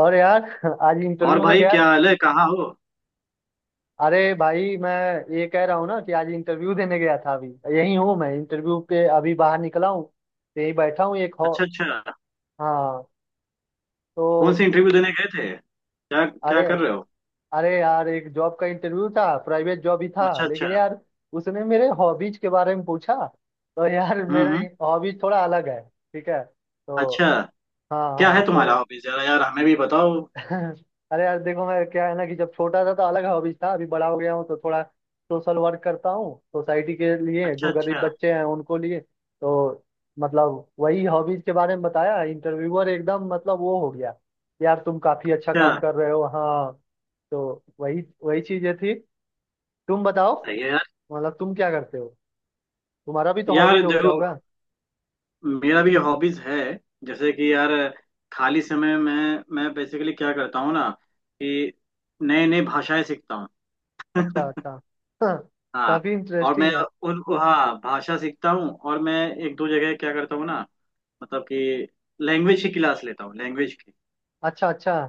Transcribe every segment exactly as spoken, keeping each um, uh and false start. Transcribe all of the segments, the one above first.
और यार आज और इंटरव्यू में भाई, गया। क्या हाल है? कहाँ हो? अरे भाई मैं ये कह रहा हूँ ना कि आज इंटरव्यू देने गया था अभी। यही हूँ, मैं इंटरव्यू पे अभी बाहर निकला हूँ। तो यही बैठा हूँ एक हॉ अच्छा, अच्छा। हाँ, तो कौन से इंटरव्यू देने गए थे? क्या क्या अरे कर रहे हो? अरे यार, एक जॉब का इंटरव्यू था, प्राइवेट जॉब ही था अच्छा, अच्छा। लेकिन यार। उसने मेरे हॉबीज के बारे में पूछा। तो यार हम्म, मेरा हम्म। हॉबीज थोड़ा अलग है। ठीक है, तो अच्छा। हाँ, क्या हाँ, है तुम्हारा तो हॉबी? जरा यार, हमें भी बताओ। अरे यार देखो, मैं क्या है ना कि जब छोटा था तो अलग हॉबीज था, अभी बड़ा हो गया हूँ तो थोड़ा सोशल वर्क करता हूँ सोसाइटी के लिए, अच्छा, जो गरीब अच्छा, बच्चे हैं उनको लिए। तो मतलब वही हॉबीज के बारे में बताया। इंटरव्यूअर एकदम मतलब वो हो गया, यार तुम काफी अच्छा अच्छा। काम कर रहे हो, हाँ। तो वही वही चीजें थी। तुम बताओ, सही है यार। मतलब तुम क्या करते हो? तुम्हारा भी तो हॉबीज यार वगैरह देखो, होगा। मेरा भी हॉबीज है। जैसे कि यार, खाली समय में मैं बेसिकली क्या करता हूँ ना, कि नए नए भाषाएं सीखता हूँ। अच्छा, अच्छा। हाँ। काफी और इंटरेस्टिंग मैं, है। उन, हाँ, भाषा सीखता हूँ और मैं एक दो जगह क्या करता हूँ ना, मतलब कि लैंग्वेज की क्लास लेता हूँ, लैंग्वेज की। अच्छा, अच्छा।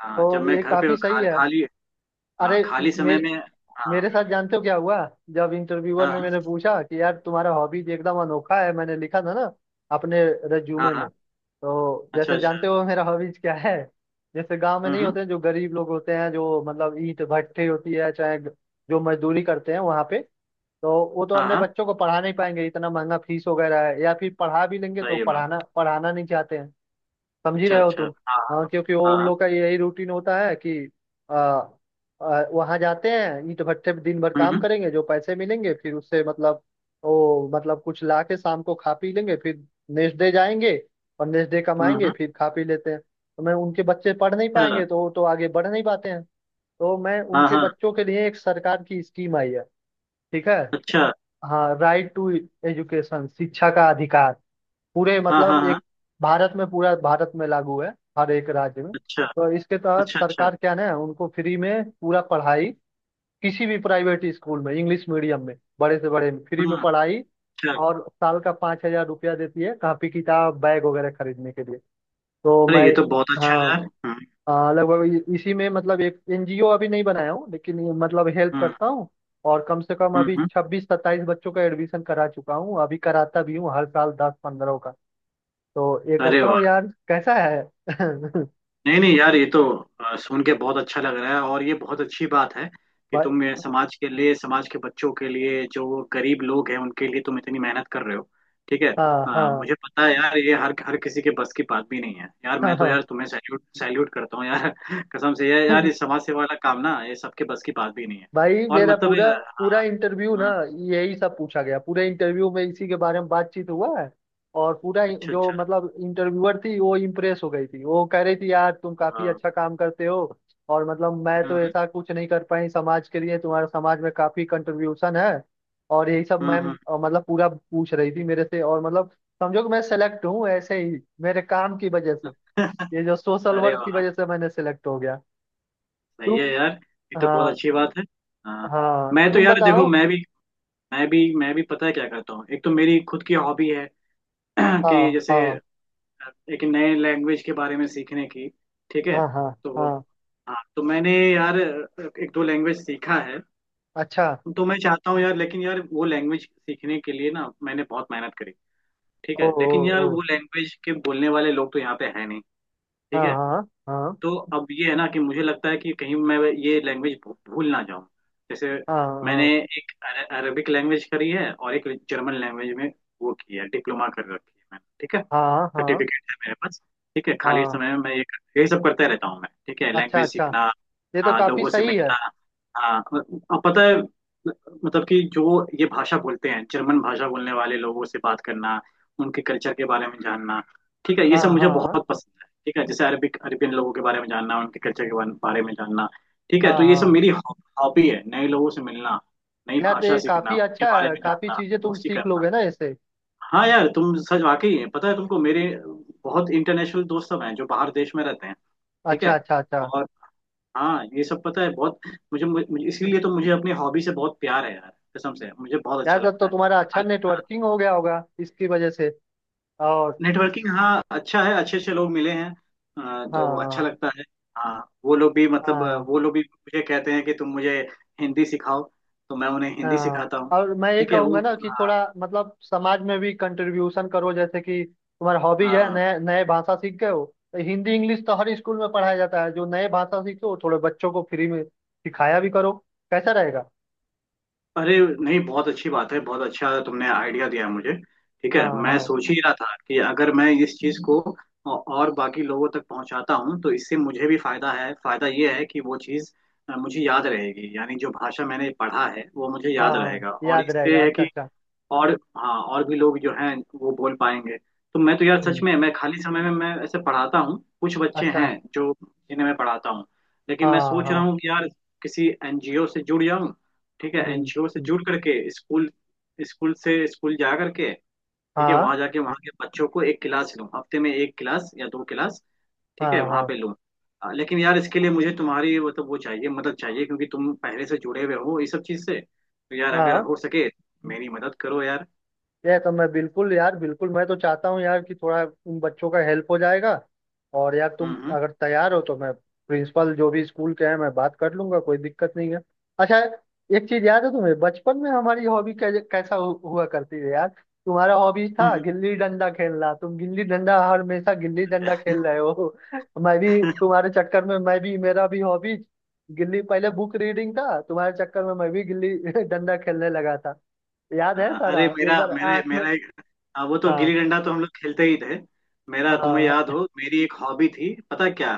हाँ, जब तो मैं ये घर पे काफी सही खा, है। खाली। अरे, हाँ, खाली समय मेरे में। हाँ मेरे साथ जानते हो क्या हुआ? जब इंटरव्यूअर हाँ ने हाँ मैंने पूछा कि यार तुम्हारा हॉबीज एकदम अनोखा है, मैंने लिखा था ना अपने हाँ रिज्यूमे हाँ, में। तो अच्छा, जैसे अच्छा। जानते हो मेरा हॉबीज क्या है? जैसे गांव में हम्म, नहीं हम्म, होते हैं जो गरीब लोग होते हैं, जो मतलब ईंट भट्ठी होती है, चाहे ग- जो मजदूरी करते हैं वहां पे। तो वो तो हाँ अपने हाँ। बच्चों को पढ़ा नहीं पाएंगे, इतना महंगा फीस वगैरह है, या फिर पढ़ा भी लेंगे तो सही है पढ़ाना बात। पढ़ाना नहीं चाहते हैं। समझ ही अच्छा, रहे हो अच्छा। तुम। हाँ हाँ, हाँ क्योंकि वो उन हाँ। लोग का यही रूटीन होता है कि आ, आ, वहां जाते हैं, ईंट भट्टे पे दिन भर काम हम्म, करेंगे, जो पैसे मिलेंगे फिर उससे मतलब वो मतलब कुछ ला के शाम को खा पी लेंगे, फिर नेक्स्ट डे जाएंगे। और नेक्स्ट डे हम्म, हम्म, कमाएंगे हम्म। फिर खा पी लेते हैं, तो मैं उनके बच्चे पढ़ नहीं पाएंगे, तो वो तो आगे बढ़ नहीं पाते हैं। तो मैं अच्छा, हाँ उनके हाँ। बच्चों के लिए, एक सरकार की स्कीम आई है। ठीक है। अच्छा। हाँ, राइट टू एजुकेशन, शिक्षा का अधिकार। पूरे हाँ हाँ मतलब हाँ। एक भारत में, पूरा भारत में लागू है, हर एक राज्य में। अच्छा, तो इसके तहत अच्छा। अच्छा। सरकार क्या ना, उनको फ्री में पूरा पढ़ाई, किसी भी प्राइवेट स्कूल में, इंग्लिश मीडियम में, बड़े से बड़े में फ्री में हम्म। पढ़ाई। अच्छा। और साल का पाँच हजार रुपया देती है, कॉपी किताब बैग वगैरह खरीदने के लिए। तो अरे, मैं ये तो बहुत अच्छा है हाँ, यार। हम्म। हाँ, लगभग इ- इसी में मतलब एक एनजीओ अभी नहीं बनाया हूँ लेकिन ये मतलब हेल्प हम्म, करता हूँ। और कम से कम हम्म, अभी हम्म। छब्बीस सत्ताईस बच्चों का एडमिशन करा चुका हूँ, अभी कराता भी हूँ हर साल दस पंद्रह का। तो ये अरे करता हूँ वाह! यार, कैसा है? नहीं नहीं यार, ये तो अ, सुन के बहुत अच्छा लग रहा है। और ये बहुत अच्छी बात है कि भाई, तुम ये समाज के लिए, समाज के बच्चों के लिए, जो वो गरीब लोग हैं उनके लिए तुम इतनी मेहनत कर रहे हो। ठीक है। हाँ, हाँ, हाँ, मुझे पता है यार, ये हर हर किसी के बस की बात भी नहीं है यार। हाँ, मैं तो हाँ। यार तुम्हें सैल्यूट सैल्यूट करता हूँ यार। कसम से यार, यार ये समाज सेवा वाला काम ना, ये सबके बस की बात भी नहीं है। भाई और मेरा मतलब ये- पूरा पूरा हाँ। इंटरव्यू ना, हाँ। यही सब पूछा गया। पूरे इंटरव्यू में इसी के बारे में बातचीत हुआ है। और पूरा इ- अच्छा, जो अच्छा। मतलब इंटरव्यूअर थी वो इम्प्रेस हो गई थी, वो कह रही थी यार तुम काफी हाँ, अच्छा काम करते हो। और मतलब मैं तो हम्म ऐसा कुछ नहीं कर पाई समाज के लिए, तुम्हारा समाज में काफी कंट्रीब्यूशन है। और यही सब हम्म हम्म मैम हम्म। अ, मतलब पूरा पूछ रही थी मेरे से, और मतलब समझो कि मैं सेलेक्ट हूँ ऐसे ही, मेरे काम की वजह से, ये जो सोशल अरे वर्क की वाह! वजह से मैंने सिलेक्ट हो गया। सही है तुम यार, ये तो बहुत हाँ, अच्छी बात है। हाँ। हाँ, मैं तो तुम यार देखो, बताओ। मैं भी मैं भी मैं भी पता है क्या करता हूँ। एक तो मेरी खुद की हॉबी है। कि हाँ, जैसे हाँ, एक नए लैंग्वेज के बारे में सीखने की। ठीक है। हाँ, हाँ, तो हाँ। हाँ, तो मैंने यार एक दो लैंग्वेज सीखा है। अच्छा। तो मैं चाहता हूँ यार, लेकिन यार वो लैंग्वेज सीखने के लिए ना, मैंने बहुत मेहनत करी। ठीक ओ, है, ओ, लेकिन यार ओ। वो लैंग्वेज के बोलने वाले लोग तो यहाँ पे है नहीं। हाँ, ठीक है। हाँ, हाँ, तो अब ये है ना, कि मुझे लगता है कि कहीं मैं ये लैंग्वेज भूल ना जाऊं। जैसे हाँ, मैंने हाँ, एक अर- अरबिक लैंग्वेज करी है और एक जर्मन लैंग्वेज में वो की है, डिप्लोमा कर रखी है मैंने। ठीक है। हाँ, हाँ, सर्टिफिकेट है मेरे पास। ठीक है, खाली हाँ। समय में मैं ये यही सब करते रहता हूँ मैं। ठीक है, अच्छा, लैंग्वेज अच्छा। सीखना, ये तो हाँ, काफी लोगों से सही है। मिलना, हाँ। और पता है, मतलब कि जो ये भाषा बोलते हैं, जर्मन भाषा बोलने वाले लोगों से बात करना, उनके कल्चर के बारे में जानना। ठीक है, ये सब हाँ, मुझे हाँ, बहुत पसंद है। ठीक है, जैसे अरबिक, अरबियन लोगों के बारे में जानना, उनके कल्चर के बारे बारे में जानना। ठीक है, हाँ, तो ये सब हाँ, मेरी हॉबी है, नए लोगों से मिलना, नई यार तो भाषा ये सीखना, काफी उनके अच्छा बारे है, में काफी जानना, चीजें तुम दोस्ती सीख करना। लोगे ना इससे। हाँ यार, तुम सच, वाकई है, पता है तुमको, मेरे बहुत इंटरनेशनल दोस्त सब हैं जो बाहर देश में रहते हैं। ठीक अच्छा, है। अच्छा, अच्छा, और हाँ, ये सब पता है। बहुत मुझे, मुझे इसीलिए तो मुझे अपनी हॉबी से बहुत प्यार है यार। कसम से मुझे बहुत यार अच्छा तब लगता तो है। तुम्हारा अच्छा हाल- हाँ। नेटवर्किंग हो गया होगा इसकी वजह से। और नेटवर्किंग, हाँ, अच्छा है, अच्छे अच्छे लोग मिले हैं। अ, तो अच्छा हाँ, लगता है। हाँ, वो लोग भी मतलब, अ, हाँ, वो लोग भी मुझे कहते हैं कि तुम मुझे हिंदी सिखाओ। तो मैं उन्हें हिंदी हाँ, सिखाता हूँ। और मैं ये ठीक है वो, कहूंगा ना कि हाँ थोड़ा मतलब समाज में भी कंट्रीब्यूशन करो, जैसे कि तुम्हारा हॉबी हाँ है हाँ। नए नए भाषा सीख गए हो। तो हिंदी इंग्लिश तो हर स्कूल में पढ़ाया जाता है, जो नए भाषा सीखे हो थोड़े बच्चों को फ्री में सिखाया भी करो। कैसा रहेगा? अरे नहीं, बहुत अच्छी बात है। बहुत अच्छा तुमने आइडिया दिया है मुझे। ठीक है, हाँ, मैं हाँ, सोच ही रहा था कि अगर मैं इस चीज को औ- और बाकी लोगों तक पहुंचाता हूं तो इससे मुझे भी फायदा है। फायदा ये है कि वो चीज अ, मुझे याद रहेगी, यानी जो भाषा मैंने पढ़ा है वो मुझे हाँ, याद हाँ, रहेगा। और याद रहेगा, इससे है अच्छा, कि अच्छा, और हाँ, और भी लोग जो हैं वो बोल पाएंगे। तो मैं तो यार सच हम्म, में, मैं खाली समय में मैं ऐसे पढ़ाता हूँ, कुछ बच्चे हैं अच्छा, जो, जिन्हें मैं पढ़ाता हूँ। लेकिन मैं हाँ, सोच रहा हाँ, हूँ कि यार, किसी एन जी ओ से जुड़ जाऊँ। ठीक है, हम्म, एन जी ओ से हम्म, जुड़ करके स्कूल स्कूल से स्कूल जा करके। ठीक है, हाँ, वहाँ जाके वहाँ के बच्चों को एक क्लास लूँ, हफ्ते में एक क्लास या दो क्लास, ठीक है हाँ, वहाँ हाँ, पे लूँ। अ, लेकिन यार इसके लिए मुझे तुम्हारी मतलब वो चाहिए मदद चाहिए, क्योंकि तुम पहले से जुड़े हुए हो इस सब चीज़ से। तो यार अगर हाँ, हो सके, मेरी मदद करो यार। ये तो मैं बिल्कुल यार, बिल्कुल मैं तो चाहता हूँ यार कि थोड़ा उन बच्चों का हेल्प हो जाएगा। और यार तुम हम्म, हम्म, अगर तैयार हो तो मैं प्रिंसिपल जो भी स्कूल के हैं मैं बात कर लूंगा, कोई दिक्कत नहीं है। अच्छा, एक चीज याद है तुम्हें? बचपन में हमारी हॉबी कैसा हु, हुआ करती है यार? तुम्हारा हॉबी था हम्म, गिल्ली डंडा खेलना, तुम गिल्ली डंडा, हमेशा गिल्ली डंडा हम्म। खेल रहे हो। मैं भी हाँ। तुम्हारे चक्कर में, मैं भी मेरा भी हॉबी गिल्ली, पहले बुक रीडिंग था, तुम्हारे चक्कर में मैं भी गिल्ली डंडा खेलने लगा था। याद है सारा, अरे एक मेरा बार मेरे आंख में मेरा एक। हाँ, वो तो हाँ, गिल्ली डंडा तो हम लोग खेलते ही थे। मेरा तुम्हें हाँ। याद हो, मेरी एक हॉबी थी, पता क्या?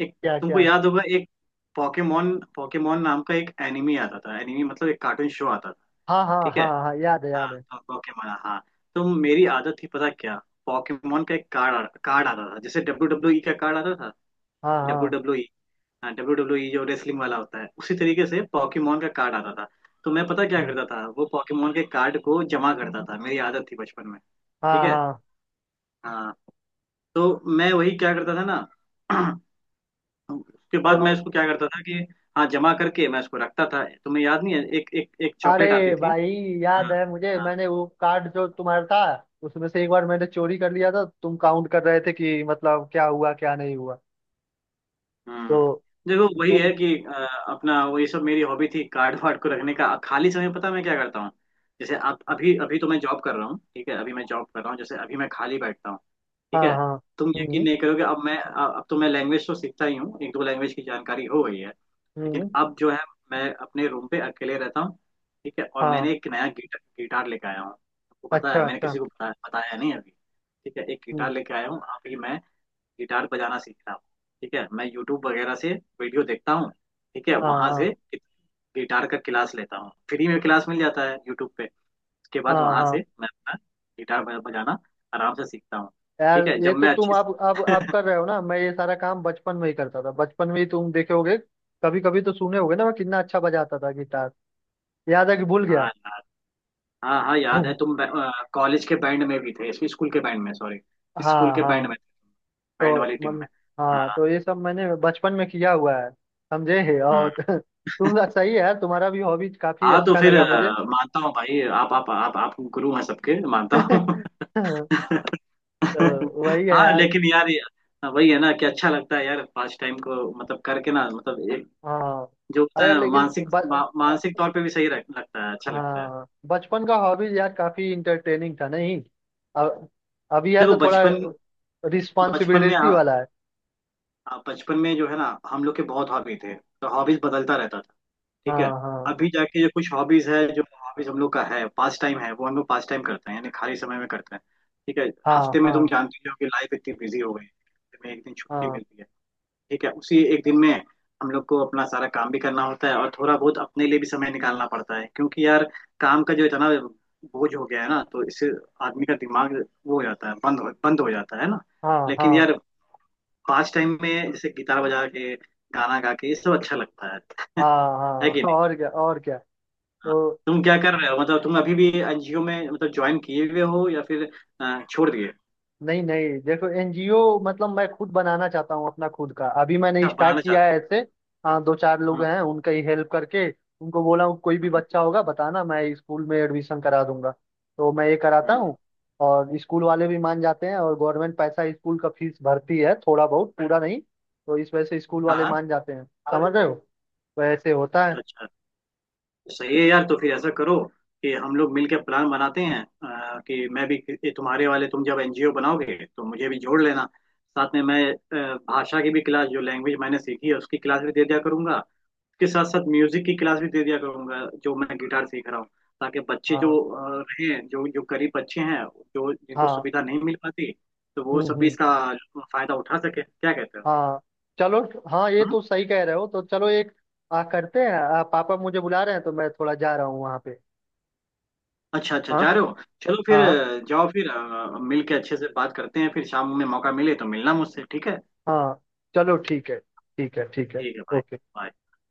एक, क्या तुमको क्या? याद होगा, एक पोकेमोन, पोकेमोन नाम का एक एनिमी आता था, एनिमी मतलब एक कार्टून शो आता था। हाँ, हाँ, ठीक है। हाँ, हाँ, याद है, याद हाँ है, तो पोकेमोन, हाँ। तो मेरी आदत थी, पता क्या? पोकेमोन का एक कार्ड, कार्ड आता था, जैसे डब्ल्यू डब्ल्यू ई का कार्ड आता था। हाँ, हाँ, डब्ल्यू, हाँ, डब्ल्यू डब्ल्यू ई जो रेसलिंग वाला होता है, उसी तरीके से पॉकीमोन का कार्ड आता था। तो मैं पता क्या हाँ, करता था, वो पॉकीमोन के कार्ड को जमा करता था, मेरी आदत थी बचपन में। ठीक हाँ, है। हाँ। हाँ, तो मैं वही क्या करता था ना। उसके तो बाद मैं इसको क्या करता था कि हाँ, जमा करके मैं इसको रखता था। तुम्हें याद नहीं है, एक एक एक चॉकलेट आती अरे थी। भाई, हाँ याद है मुझे, हाँ। मैंने वो कार्ड जो तुम्हारा था, उसमें से एक बार मैंने चोरी कर लिया था, तुम काउंट कर रहे थे कि मतलब क्या हुआ क्या नहीं हुआ। तो हम्म। देखो, वही तुम है कि अ, अपना वही सब मेरी हॉबी थी, कार्ड वार्ड को रखने का। खाली समय पता है मैं क्या करता हूँ? जैसे अब, अभी अभी तो मैं जॉब कर रहा हूँ। ठीक है, अभी मैं जॉब कर रहा हूँ, जैसे अभी मैं खाली बैठता हूँ। ठीक हाँ, है। हाँ, तुम यकीन हम्म, नहीं करोगे, अब मैं अब तो मैं लैंग्वेज तो सीखता ही हूँ, एक दो लैंग्वेज की जानकारी हो गई है। लेकिन हम्म, अब जो है, मैं अपने रूम पे अकेले रहता हूँ। ठीक है, और हाँ, मैंने एक नया गिटार, गिटार लेके आया हूँ, आपको पता है? अच्छा, मैंने अच्छा, किसी को बताया, बताया नहीं अभी। ठीक है, एक हम्म, गिटार लेके आया हूँ अभी मैं, गिटार बजाना सीख रहा हूँ। ठीक है, मैं यूट्यूब वगैरह से वीडियो देखता हूँ। ठीक है, हाँ, वहां हाँ, से गिटार का क्लास लेता हूँ, फ्री में क्लास मिल जाता है यूट्यूब पे। उसके बाद हाँ, वहां हाँ, से मैं अपना गिटार बज- बजाना आराम से सीखता हूँ। यार ठीक है, ये जब तो मैं तुम अच्छी। आप आप आप कर रहे हो ना, मैं ये सारा काम बचपन में ही करता था, बचपन में ही तुम देखे होगे, कभी कभी तो सुने होगे ना, मैं कितना अच्छा बजाता था गिटार। याद है कि भूल हाँ गया? यार, हाँ हाँ याद है। तुम कॉलेज के बैंड में भी थे, स्कूल के बैंड में सॉरी, स्कूल हाँ, के हाँ, बैंड में, बैंड तो वाली टीम मन, में। हाँ, हाँ। तो ये सब मैंने बचपन में किया हुआ है, समझे है? हम्म। और तुम सही है यार, तुम्हारा भी हॉबी काफी हाँ, तो अच्छा फिर लगा मुझे। अ, मानता हूँ भाई, आप आप आप आप गुरु हैं सबके, मानता हूँ। तो वही है हाँ, यार, लेकिन यार ये- वही है ना कि अच्छा लगता है यार पास टाइम को मतलब करके ना, मतलब एक हाँ। जो होता अरे है लेकिन मानसिक, ब, मा, मानसिक तौर पे भी सही रख, लगता है, अच्छा लगता है। हाँ, बचपन का हॉबीज यार काफी इंटरटेनिंग था नहीं? अब अभी है देखो, तो थोड़ा बचपन बचपन में रिस्पॉन्सिबिलिटी आ, वाला है। आ- बचपन में जो है ना, हम लोग के बहुत हॉबी थे, तो हॉबीज बदलता रहता था। ठीक है। हाँ, हाँ, अभी जाके जो कुछ हॉबीज है, जो हॉबीज हम लोग का है, पास टाइम है, वो हम लोग पास टाइम करते हैं, यानी खाली समय में करते हैं। ठीक है। हाँ, हफ्ते में, तुम हाँ, जानते ही हो कि लाइफ इतनी बिजी हो गई है, हफ्ते में एक दिन छुट्टी हाँ, मिलती है। ठीक है, उसी एक दिन में हम लोग को अपना सारा काम भी करना होता है और थोड़ा बहुत अपने लिए भी समय निकालना पड़ता है। क्योंकि यार, काम का जो इतना बोझ हो गया है ना, तो इससे आदमी का दिमाग वो हो जाता है, बंद हो बंद हो जाता है ना। लेकिन हाँ, यार, पास टाइम में जैसे गिटार बजा के, गाना गा के, ये सब अच्छा लगता है। हाँ, है हाँ, कि हाँ, नहीं? और क्या और क्या? हाँ। तो तुम क्या कर रहे हो? मतलब तुम अभी भी एन जी ओ में मतलब ज्वाइन किए हुए हो, या फिर अ, छोड़ दिए? नहीं, नहीं, देखो एनजीओ मतलब मैं खुद बनाना चाहता हूँ अपना खुद का, अभी मैंने अच्छा, स्टार्ट बनाना किया चाहते है ऐसे। हाँ, दो चार हो? लोग हाँ हैं उनका ही हेल्प करके उनको बोला हूँ, कोई भी हाँ बच्चा होगा बताना मैं स्कूल में एडमिशन करा दूंगा। तो मैं ये कराता हाँ हूँ। और स्कूल वाले भी मान जाते हैं, और गवर्नमेंट पैसा स्कूल का फीस भरती है, थोड़ा बहुत, पूरा नहीं। तो इस वजह से स्कूल वाले हाँ, मान जाते हैं, समझ रहे हो? वैसे होता है। अच्छा, अच्छा। सही है यार, तो फिर ऐसा करो कि हम लोग मिलकर प्लान बनाते हैं, अ, कि मैं भी कि तुम्हारे वाले तुम जब एनजीओ बनाओगे तो मुझे भी जोड़ लेना, साथ में मैं अ, भाषा की भी क्लास, जो लैंग्वेज मैंने सीखी है उसकी क्लास भी दे दिया करूंगा, के साथ साथ म्यूजिक की क्लास भी दे दिया करूंगा जो मैं गिटार सीख रहा हूँ। ताकि बच्चे हाँ, जो अ, हैं, जो जो गरीब बच्चे हैं, जो जिनको हाँ, सुविधा नहीं मिल पाती, तो वो हम्म, सब भी हम्म, इसका फायदा उठा सके। क्या कहते हो? हाँ, चलो, हाँ, ये हाँ? तो सही कह रहे हो, तो चलो एक आ, करते हैं। आ, पापा मुझे बुला रहे हैं, तो मैं थोड़ा जा रहा हूँ वहाँ पे। अच्छा अच्छा, हाँ, जा रहे हो। चलो फिर हाँ, अ, जाओ, फिर अ, मिल के अच्छे से बात करते हैं, फिर शाम में मौका मिले तो मिलना मुझसे। ठीक है, हाँ, चलो, ठीक है, ठीक है, ठीक है, ठीक है भाई। ओके। bye।